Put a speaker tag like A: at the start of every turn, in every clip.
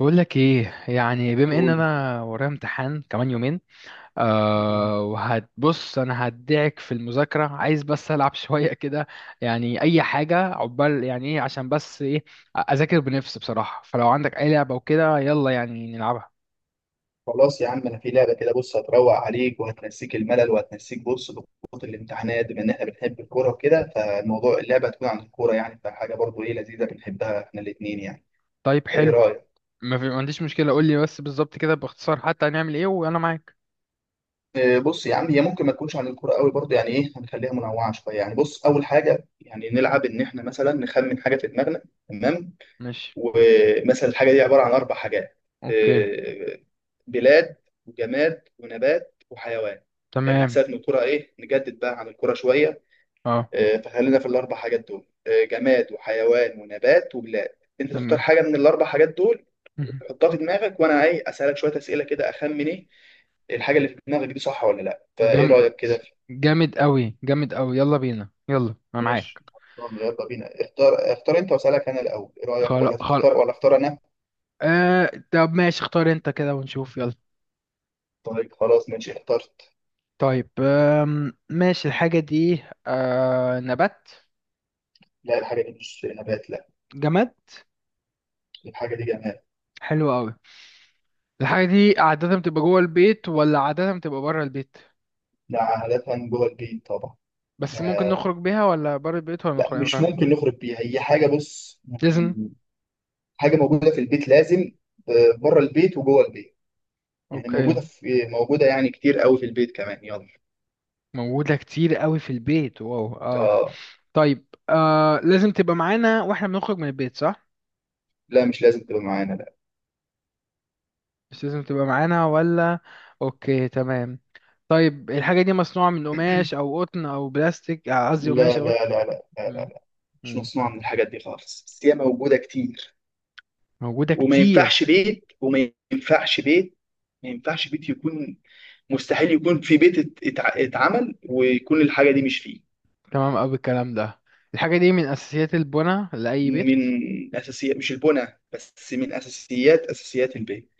A: بقول لك ايه؟ يعني بما ان
B: قول.
A: انا ورايا امتحان كمان يومين.
B: مم.
A: وهتبص انا هدعك في المذاكره، عايز بس العب شويه كده. يعني اي حاجه عقبال يعني ايه عشان بس ايه، اذاكر بنفسي بصراحه. فلو عندك اي لعبه وكده يلا يعني نلعبها.
B: خلاص يا عم انا في لعبه كده، بص هتروق عليك وهتنسيك الملل وهتنسيك بص ضغوط الامتحانات، بما ان احنا بنحب الكوره وكده فالموضوع اللعبه هتكون عن الكوره يعني، فحاجه برضو ايه لذيذه بنحبها احنا الاثنين يعني.
A: طيب
B: ايه
A: حلو.
B: رايك؟
A: ما عنديش مشكله، قول لي بس بالظبط كده باختصار حتى هنعمل ايه وانا معاك.
B: إيه بص يا عم، هي ممكن ما تكونش عن الكوره قوي برضو يعني ايه، هنخليها منوعه شويه يعني. بص اول حاجه يعني نلعب ان احنا مثلا نخمن حاجه في دماغنا. تمام.
A: ماشي.
B: ومثلا الحاجه دي عباره عن اربع حاجات.
A: اوكي.
B: إيه، بلاد وجماد ونبات وحيوان. لان
A: تمام.
B: حساب ان الكره ايه نجدد بقى عن الكره شويه.
A: اه
B: آه، فخلينا في الاربع حاجات دول، آه، جماد وحيوان ونبات وبلاد. انت تختار
A: تمام.
B: حاجه من الاربع حاجات دول، تحطها في دماغك وانا ايه اسالك شويه اسئله كده اخمن ايه الحاجه اللي في دماغك دي صح ولا لا. فايه
A: جامد،
B: رايك كده
A: جامد قوي، جامد قوي، يلا بينا، يلا انا
B: ماشي.
A: معاك.
B: طب يلا بينا اختار انت واسالك انا الاول، ايه رايك؟ ولا
A: خلاص.
B: تختار ولا اختار انا؟
A: طب ماشي، اختار انت كده ونشوف يلا.
B: طيب خلاص، ماشي اخترت.
A: طيب ماشي. الحاجة دي نبات؟
B: لا الحاجه دي مش نبات، لا.
A: جماد؟
B: الحاجه دي جماد.
A: حلو قوي. الحاجة دي عادة بتبقى جوه البيت ولا عادة بتبقى بره البيت؟
B: لا عادة جوه البيت طبعا.
A: بس ممكن
B: آه،
A: نخرج بيها ولا بره البيت ولا
B: لا
A: نخرج ما
B: مش
A: ينفعش؟
B: ممكن نخرج بيها، هي حاجة بص
A: لازم.
B: يعني حاجة موجودة في البيت لازم بره البيت وجوه البيت. يعني
A: اوكي.
B: موجودة في موجودة يعني كتير قوي في البيت كمان، يلا.
A: موجودة كتير قوي في البيت، واو. اه
B: آه،
A: طيب لازم تبقى معانا واحنا بنخرج من البيت، صح؟
B: لا مش لازم تبقى معانا.
A: مش لازم تبقى معانا ولا؟ اوكي تمام. طيب الحاجة دي مصنوعة من قماش أو قطن أو بلاستيك قصدي قماش
B: لا لا
A: أو قطن؟
B: لا لا لا. لا لا،
A: مم.
B: لا. مش
A: مم.
B: مصنوعة من الحاجات دي خالص، بس هي موجودة كتير.
A: موجودة
B: وما
A: كتير.
B: ينفعش بيت، وما ينفعش بيت، ما ينفعش بيت يكون، مستحيل يكون في بيت اتعمل ويكون الحاجة دي مش فيه.
A: تمام أوي الكلام ده. الحاجة دي من أساسيات البناء لأي
B: من
A: بيت.
B: اساسيات مش البنى بس من اساسيات البيت.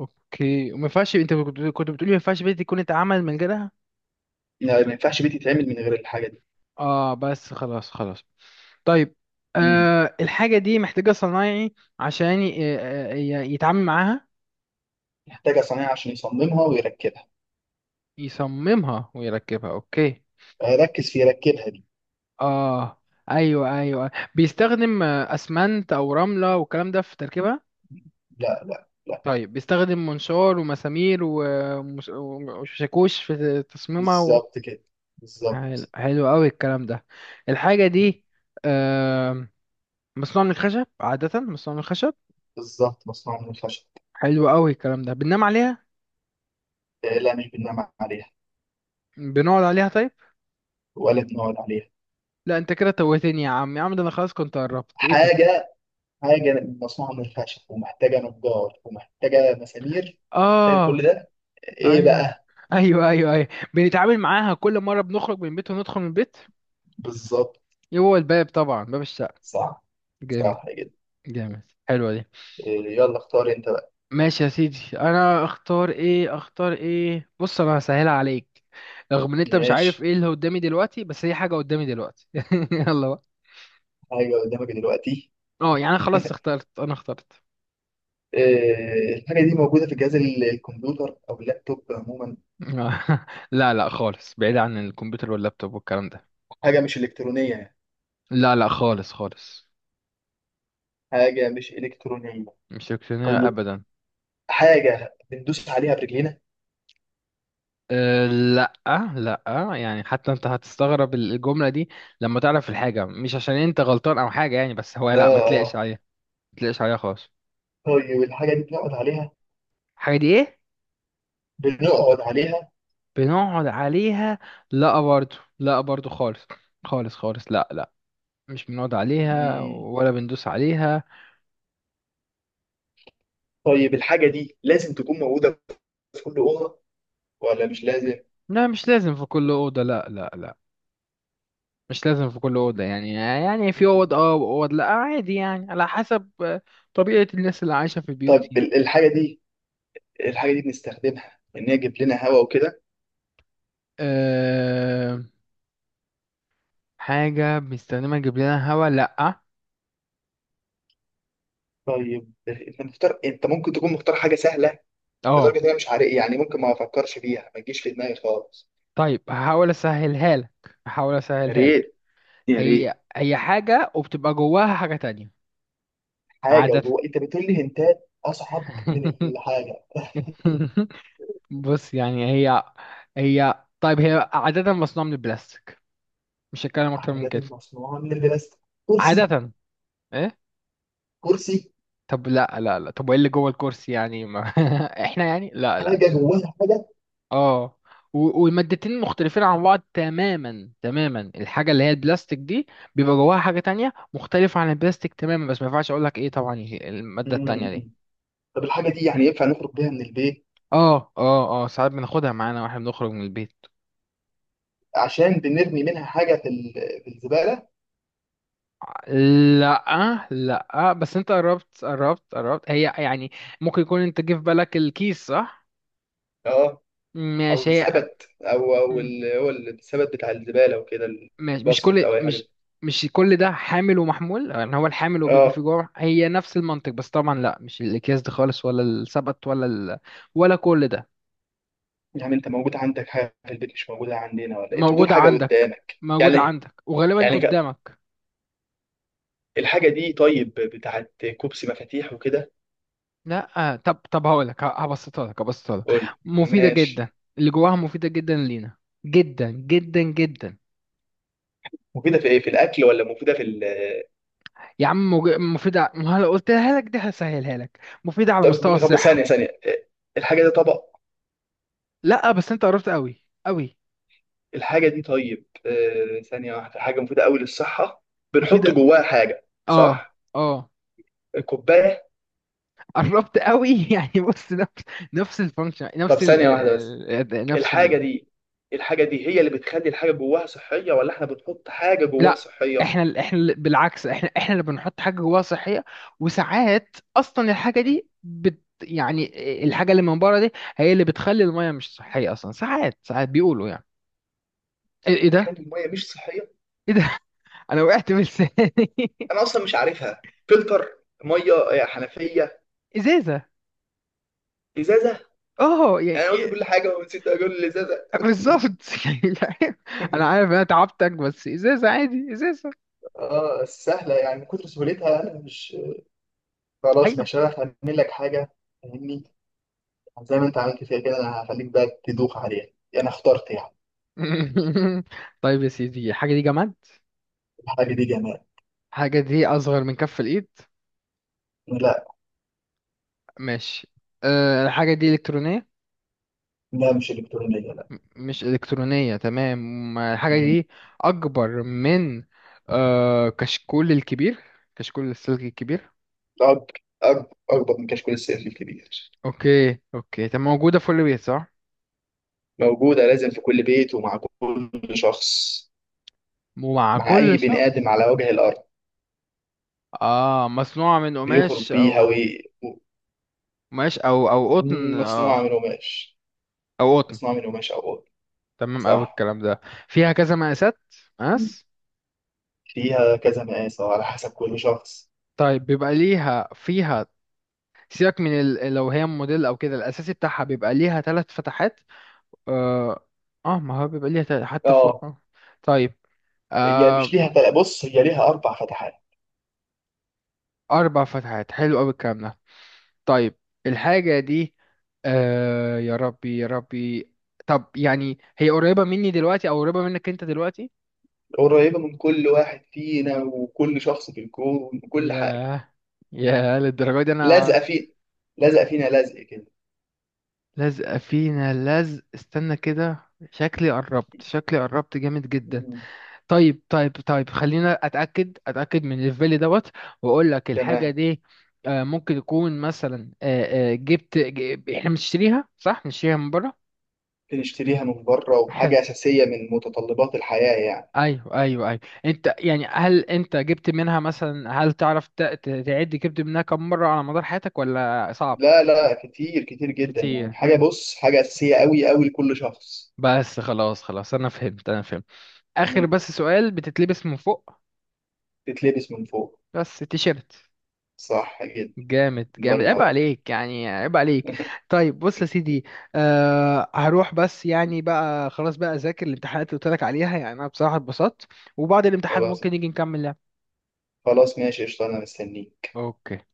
A: أوكي. وما ينفعش، أنت كنت بتقولي ما ينفعش بيت يكون اتعمل من غيرها؟
B: لا ما ينفعش بيت يتعمل من غير الحاجه دي.
A: آه بس خلاص خلاص. طيب،
B: مم.
A: الحاجة دي محتاجة صنايعي عشان يتعامل معاها؟
B: محتاجه صنايعي عشان يصممها ويركبها.
A: يصممها ويركبها. أوكي.
B: آه، ركز في يركبها دي.
A: آه أيوه أيوه، بيستخدم أسمنت أو رملة والكلام ده في تركيبها؟
B: لا لا لا.
A: طيب بيستخدم منشار ومسامير وشاكوش في تصميمها و...
B: بالظبط كده.
A: حلو،
B: بالظبط.
A: حلو قوي الكلام ده. الحاجة دي آم، مصنوعة من الخشب، عادة مصنوعة من الخشب؟
B: بالظبط مصنوعه من الخشب.
A: حلو قوي الكلام ده. بننام عليها؟
B: لا مش بننام عليها.
A: بنقعد عليها طيب؟
B: ولا بنقعد عليها.
A: لا انت كده توهتني يا عم، يا عم ده انا خلاص كنت قربت، ايه ده؟
B: حاجه، حاجه مصنوعه من الخشب ومحتاجه نجار ومحتاجه مسامير ومحتاجه كل
A: اه.
B: ده. ايه
A: ايوه،
B: بقى؟
A: ايوه، ايوه، ايوه، بنتعامل معاها كل مرة بنخرج من البيت وندخل من البيت.
B: بالظبط.
A: إيه هو؟ الباب، طبعا باب الشقة.
B: صح.
A: جامد.
B: صح كده.
A: جامد. حلوة دي.
B: إيه، يلا اختار انت بقى.
A: ماشي يا سيدي، انا اختار ايه، اختار ايه، بص انا هسهلها عليك. رغم ان انت مش عارف
B: ماشي.
A: ايه اللي قدامي دلوقتي، بس هي حاجة قدامي دلوقتي. يلا بقى.
B: ايوه قدامك دلوقتي.
A: اه يعني خلاص اخترت، انا اخترت.
B: آه، الحاجه دي موجوده في جهاز الكمبيوتر او اللابتوب عموما.
A: لا لا خالص، بعيد عن الكمبيوتر واللابتوب والكلام ده.
B: حاجه مش الكترونيه يعني.
A: لا لا خالص خالص،
B: حاجه مش الكترونيه.
A: مش الكترونية
B: طيب
A: ابدا.
B: حاجه بندوس عليها برجلينا.
A: أه لا. لا. يعني حتى انت هتستغرب الجملة دي لما تعرف الحاجة. مش عشان انت غلطان او حاجة يعني، بس هو
B: اه.
A: لا، ما تلاقش
B: آه.
A: عليها. ما تلاقش عليها خالص.
B: طيب الحاجه دي بنقعد عليها؟
A: الحاجة دي ايه؟
B: بنقعد عليها.
A: بنقعد عليها؟ لا برضو، لا برضو خالص. خالص خالص، لا لا، مش بنقعد عليها
B: مم.
A: ولا بندوس عليها.
B: طيب الحاجه دي لازم تكون موجوده في كل اوضه ولا مش لازم؟
A: لا مش لازم في كل أوضة، لا لا لا. مش لازم في كل أوضة، يعني يعني في
B: مم.
A: أوض اه وأوض لا، عادي يعني على حسب طبيعة الناس اللي عايشة في البيوت
B: طيب
A: يعني.
B: الحاجه دي، الحاجه دي بنستخدمها ان هي تجيب لنا هواء وكده؟
A: أه، حاجة بنستخدمها تجيب لنا هوا؟ لا.
B: طيب انت مختار، انت ممكن تكون مختار حاجه سهله لدرجه
A: اه
B: ان انا مش عارف يعني، ممكن ما افكرش فيها ما تجيش في دماغي خالص.
A: طيب، هحاول أسهلها لك، هحاول
B: يا
A: أسهلها لك.
B: ريت يا
A: هي،
B: ريت.
A: هي حاجة وبتبقى جواها حاجة تانية.
B: حاجه
A: عادة.
B: وجوه، انت بتقول لي هنتات اصعب من الحاجه.
A: بص يعني هي، هي طيب هي عادة مصنوعة من البلاستيك. مش هتكلم أكتر من
B: عمودات
A: كده.
B: مصنوعه من البلاستيك؟ كرسي.
A: عادة. إيه؟
B: كرسي.
A: طب لا لا لا، طب وإيه اللي جوه الكرسي يعني؟ ما إحنا يعني لا
B: حاجه
A: لا،
B: جواها حاجه.
A: آه، والمادتين مختلفين عن بعض، تماما تماما. الحاجة اللي هي البلاستيك دي بيبقى جواها حاجة تانية مختلفة عن البلاستيك تماما، بس ما ينفعش أقول لك إيه طبعا هي المادة التانية دي.
B: مم. طب الحاجه دي يعني ينفع نخرج بيها من البيت؟
A: آه آه آه، ساعات بناخدها معانا وإحنا بنخرج من البيت.
B: عشان بنرمي منها حاجه في الزباله.
A: لا لا بس انت قربت قربت قربت، هي يعني ممكن يكون انت جه في بالك الكيس، صح؟
B: اه، او
A: ماشي. هي،
B: السبت، او او
A: مم.
B: ال- هو السبت بتاع الزباله وكده،
A: ماشي.
B: الباسكت او اي حاجه.
A: مش كل ده حامل ومحمول يعني، هو الحامل وبيبقى فيه
B: اه.
A: جوه. هي نفس المنطق بس طبعا لا، مش الاكياس دي خالص ولا السبت ولا ال... ولا كل ده.
B: يعني انت موجود عندك حاجه في البيت مش موجوده عندنا، ولا انت بتقول
A: موجودة
B: حاجه
A: عندك.
B: قدامك
A: موجودة
B: يعني؟
A: عندك وغالبا
B: يعني
A: قدامك.
B: الحاجة دي طيب بتاعت كوبسي مفاتيح وكده؟
A: لا، طب طب هقول لك، هبسطها لك، هبسطها لك.
B: قول،
A: مفيدة جدا.
B: ماشي.
A: اللي جواها مفيدة جدا لينا، جدا جدا جدا.
B: مفيدة في ايه، في الأكل ولا مفيدة في
A: يا عم مفيدة ما هلا قلتها لك، دي هسهلها لك، مفيدة على مستوى
B: طب طب ثانية
A: الصحة.
B: ثانية. الحاجة دي طبق؟
A: لا بس انت قربت قوي قوي.
B: الحاجة دي طيب آه، ثانية واحدة. حاجة مفيدة أوي للصحة، بنحط
A: مفيدة.
B: جواها حاجة
A: اه.
B: صح؟
A: اه.
B: كوباية.
A: قربت قوي. يعني بص نفس، نفس الفانكشن
B: طب ثانية واحدة بس.
A: نفس
B: الحاجة
A: ال.
B: دي، الحاجة دي هي اللي بتخلي الحاجة جواها صحية، ولا احنا بنحط حاجة جواها
A: لا،
B: صحية؟
A: بالعكس، احنا اللي بنحط حاجة جواها صحية. وساعات اصلا الحاجة
B: مم.
A: دي بت يعني، الحاجة اللي من بره دي هي اللي بتخلي المية مش صحية اصلا ساعات، بيقولوا يعني ايه، إيه ده؟
B: بتخلي المية مش صحية.
A: ايه ده؟ انا وقعت من لساني.
B: أنا أصلا مش عارفها. فلتر. مية. آه، حنفية.
A: ازازة.
B: إزازة.
A: اه يعني
B: يعني أنا قلت كل
A: إيه.
B: حاجه ونسيت اقول اللي زاد.
A: بالظبط. يعني لا، انا عارف انا تعبتك بس ازازه عادي، ازازه.
B: اه سهلة، يعني من كتر سهولتها أنا مش، خلاص
A: ايوه.
B: مش هعرف أعمل لك حاجة. فاهمني؟ زي ما أنت عملت فيها كده، أنا هخليك بقى تدوخ عليها. أنا اخترت يعني.
A: طيب يا سيدي، الحاجه دي جماد؟
B: الحاجة دي جمال.
A: الحاجه دي اصغر من كف الايد؟
B: لا.
A: ماشي. أه الحاجه دي الكترونيه؟
B: لا مش إلكترونية، لا.
A: مش الكترونيه تمام. الحاجه
B: مم.
A: دي اكبر من، أه، كشكول الكبير؟ كشكول السلك الكبير؟
B: اكبر من كشكول السيف الكبير.
A: اوكي اوكي. طب موجوده في كل بيت، صح؟
B: موجوده لازم في كل بيت ومع كل شخص.
A: ومع
B: مع اي
A: كل
B: بني ادم
A: شخص؟
B: على وجه الارض.
A: اه مصنوعه من
B: بيخرج
A: قماش
B: بيها
A: او، ماشي او او قطن، اه
B: مصنوعه من قماش.
A: او قطن.
B: مصنوعه من قماش او أقول.
A: تمام اوي
B: صح.
A: الكلام ده. فيها كذا مقاسات، مقاس.
B: فيها كذا مقاس أو على حسب كل شخص.
A: طيب بيبقى ليها فيها، سيبك من ال... لو هي موديل او كده، الاساسي بتاعها بيبقى ليها 3 فتحات. اه، آه ما هو بيبقى ليها تل... حتى فوق،
B: اه.
A: آه. طيب،
B: هي مش
A: آه،
B: ليها بص هي ليها أربع فتحات.
A: 4 فتحات، حلو اوي الكلام ده. طيب الحاجة دي، آه يا ربي يا ربي. طب يعني هي قريبة مني دلوقتي او قريبة منك انت دلوقتي؟
B: قريبة من كل واحد فينا وكل شخص في الكون وكل حاجة.
A: ياه. ياه للدرجة دي،
B: لازقة
A: انا.
B: فينا. لازقة فينا لزق كده.
A: لزقة فينا. لزق؟ استنى كده، شكلي قربت، شكلي قربت جامد جدا.
B: مم.
A: طيب طيب طيب، خلينا اتاكد، من الليفل دوت، واقول لك الحاجه
B: تمام.
A: دي، ممكن يكون مثلا، جبت احنا بنشتريها، صح؟ بنشتريها من بره.
B: بنشتريها من بره،
A: حلو.
B: وحاجة أساسية من متطلبات الحياة يعني.
A: ايوه ايوه ايوه، انت يعني هل انت جبت منها مثلا، هل تعرف تعد جبت منها كم مره على مدار حياتك ولا صعب؟
B: لا لا كتير كتير جدا
A: كتير.
B: يعني، حاجة بص حاجة أساسية أوي أوي لكل شخص.
A: بس خلاص خلاص، انا فهمت، انا فهمت. اخر
B: مم.
A: بس سؤال، بتتلبس من فوق؟
B: تتلبس من فوق.
A: بس تيشيرت.
B: صح جدا.
A: جامد
B: الله
A: جامد، عيب
B: ينور.
A: عليك يعني، عيب عليك. طيب بص يا سيدي، هروح بس يعني بقى، خلاص بقى اذاكر الامتحانات اللي قلت لك عليها. يعني انا بصراحة اتبسطت، وبعد الامتحان
B: خلاص.
A: ممكن نيجي نكمل لعب.
B: خلاص ماشي قشطة، أنا مستنيك.
A: اوكي.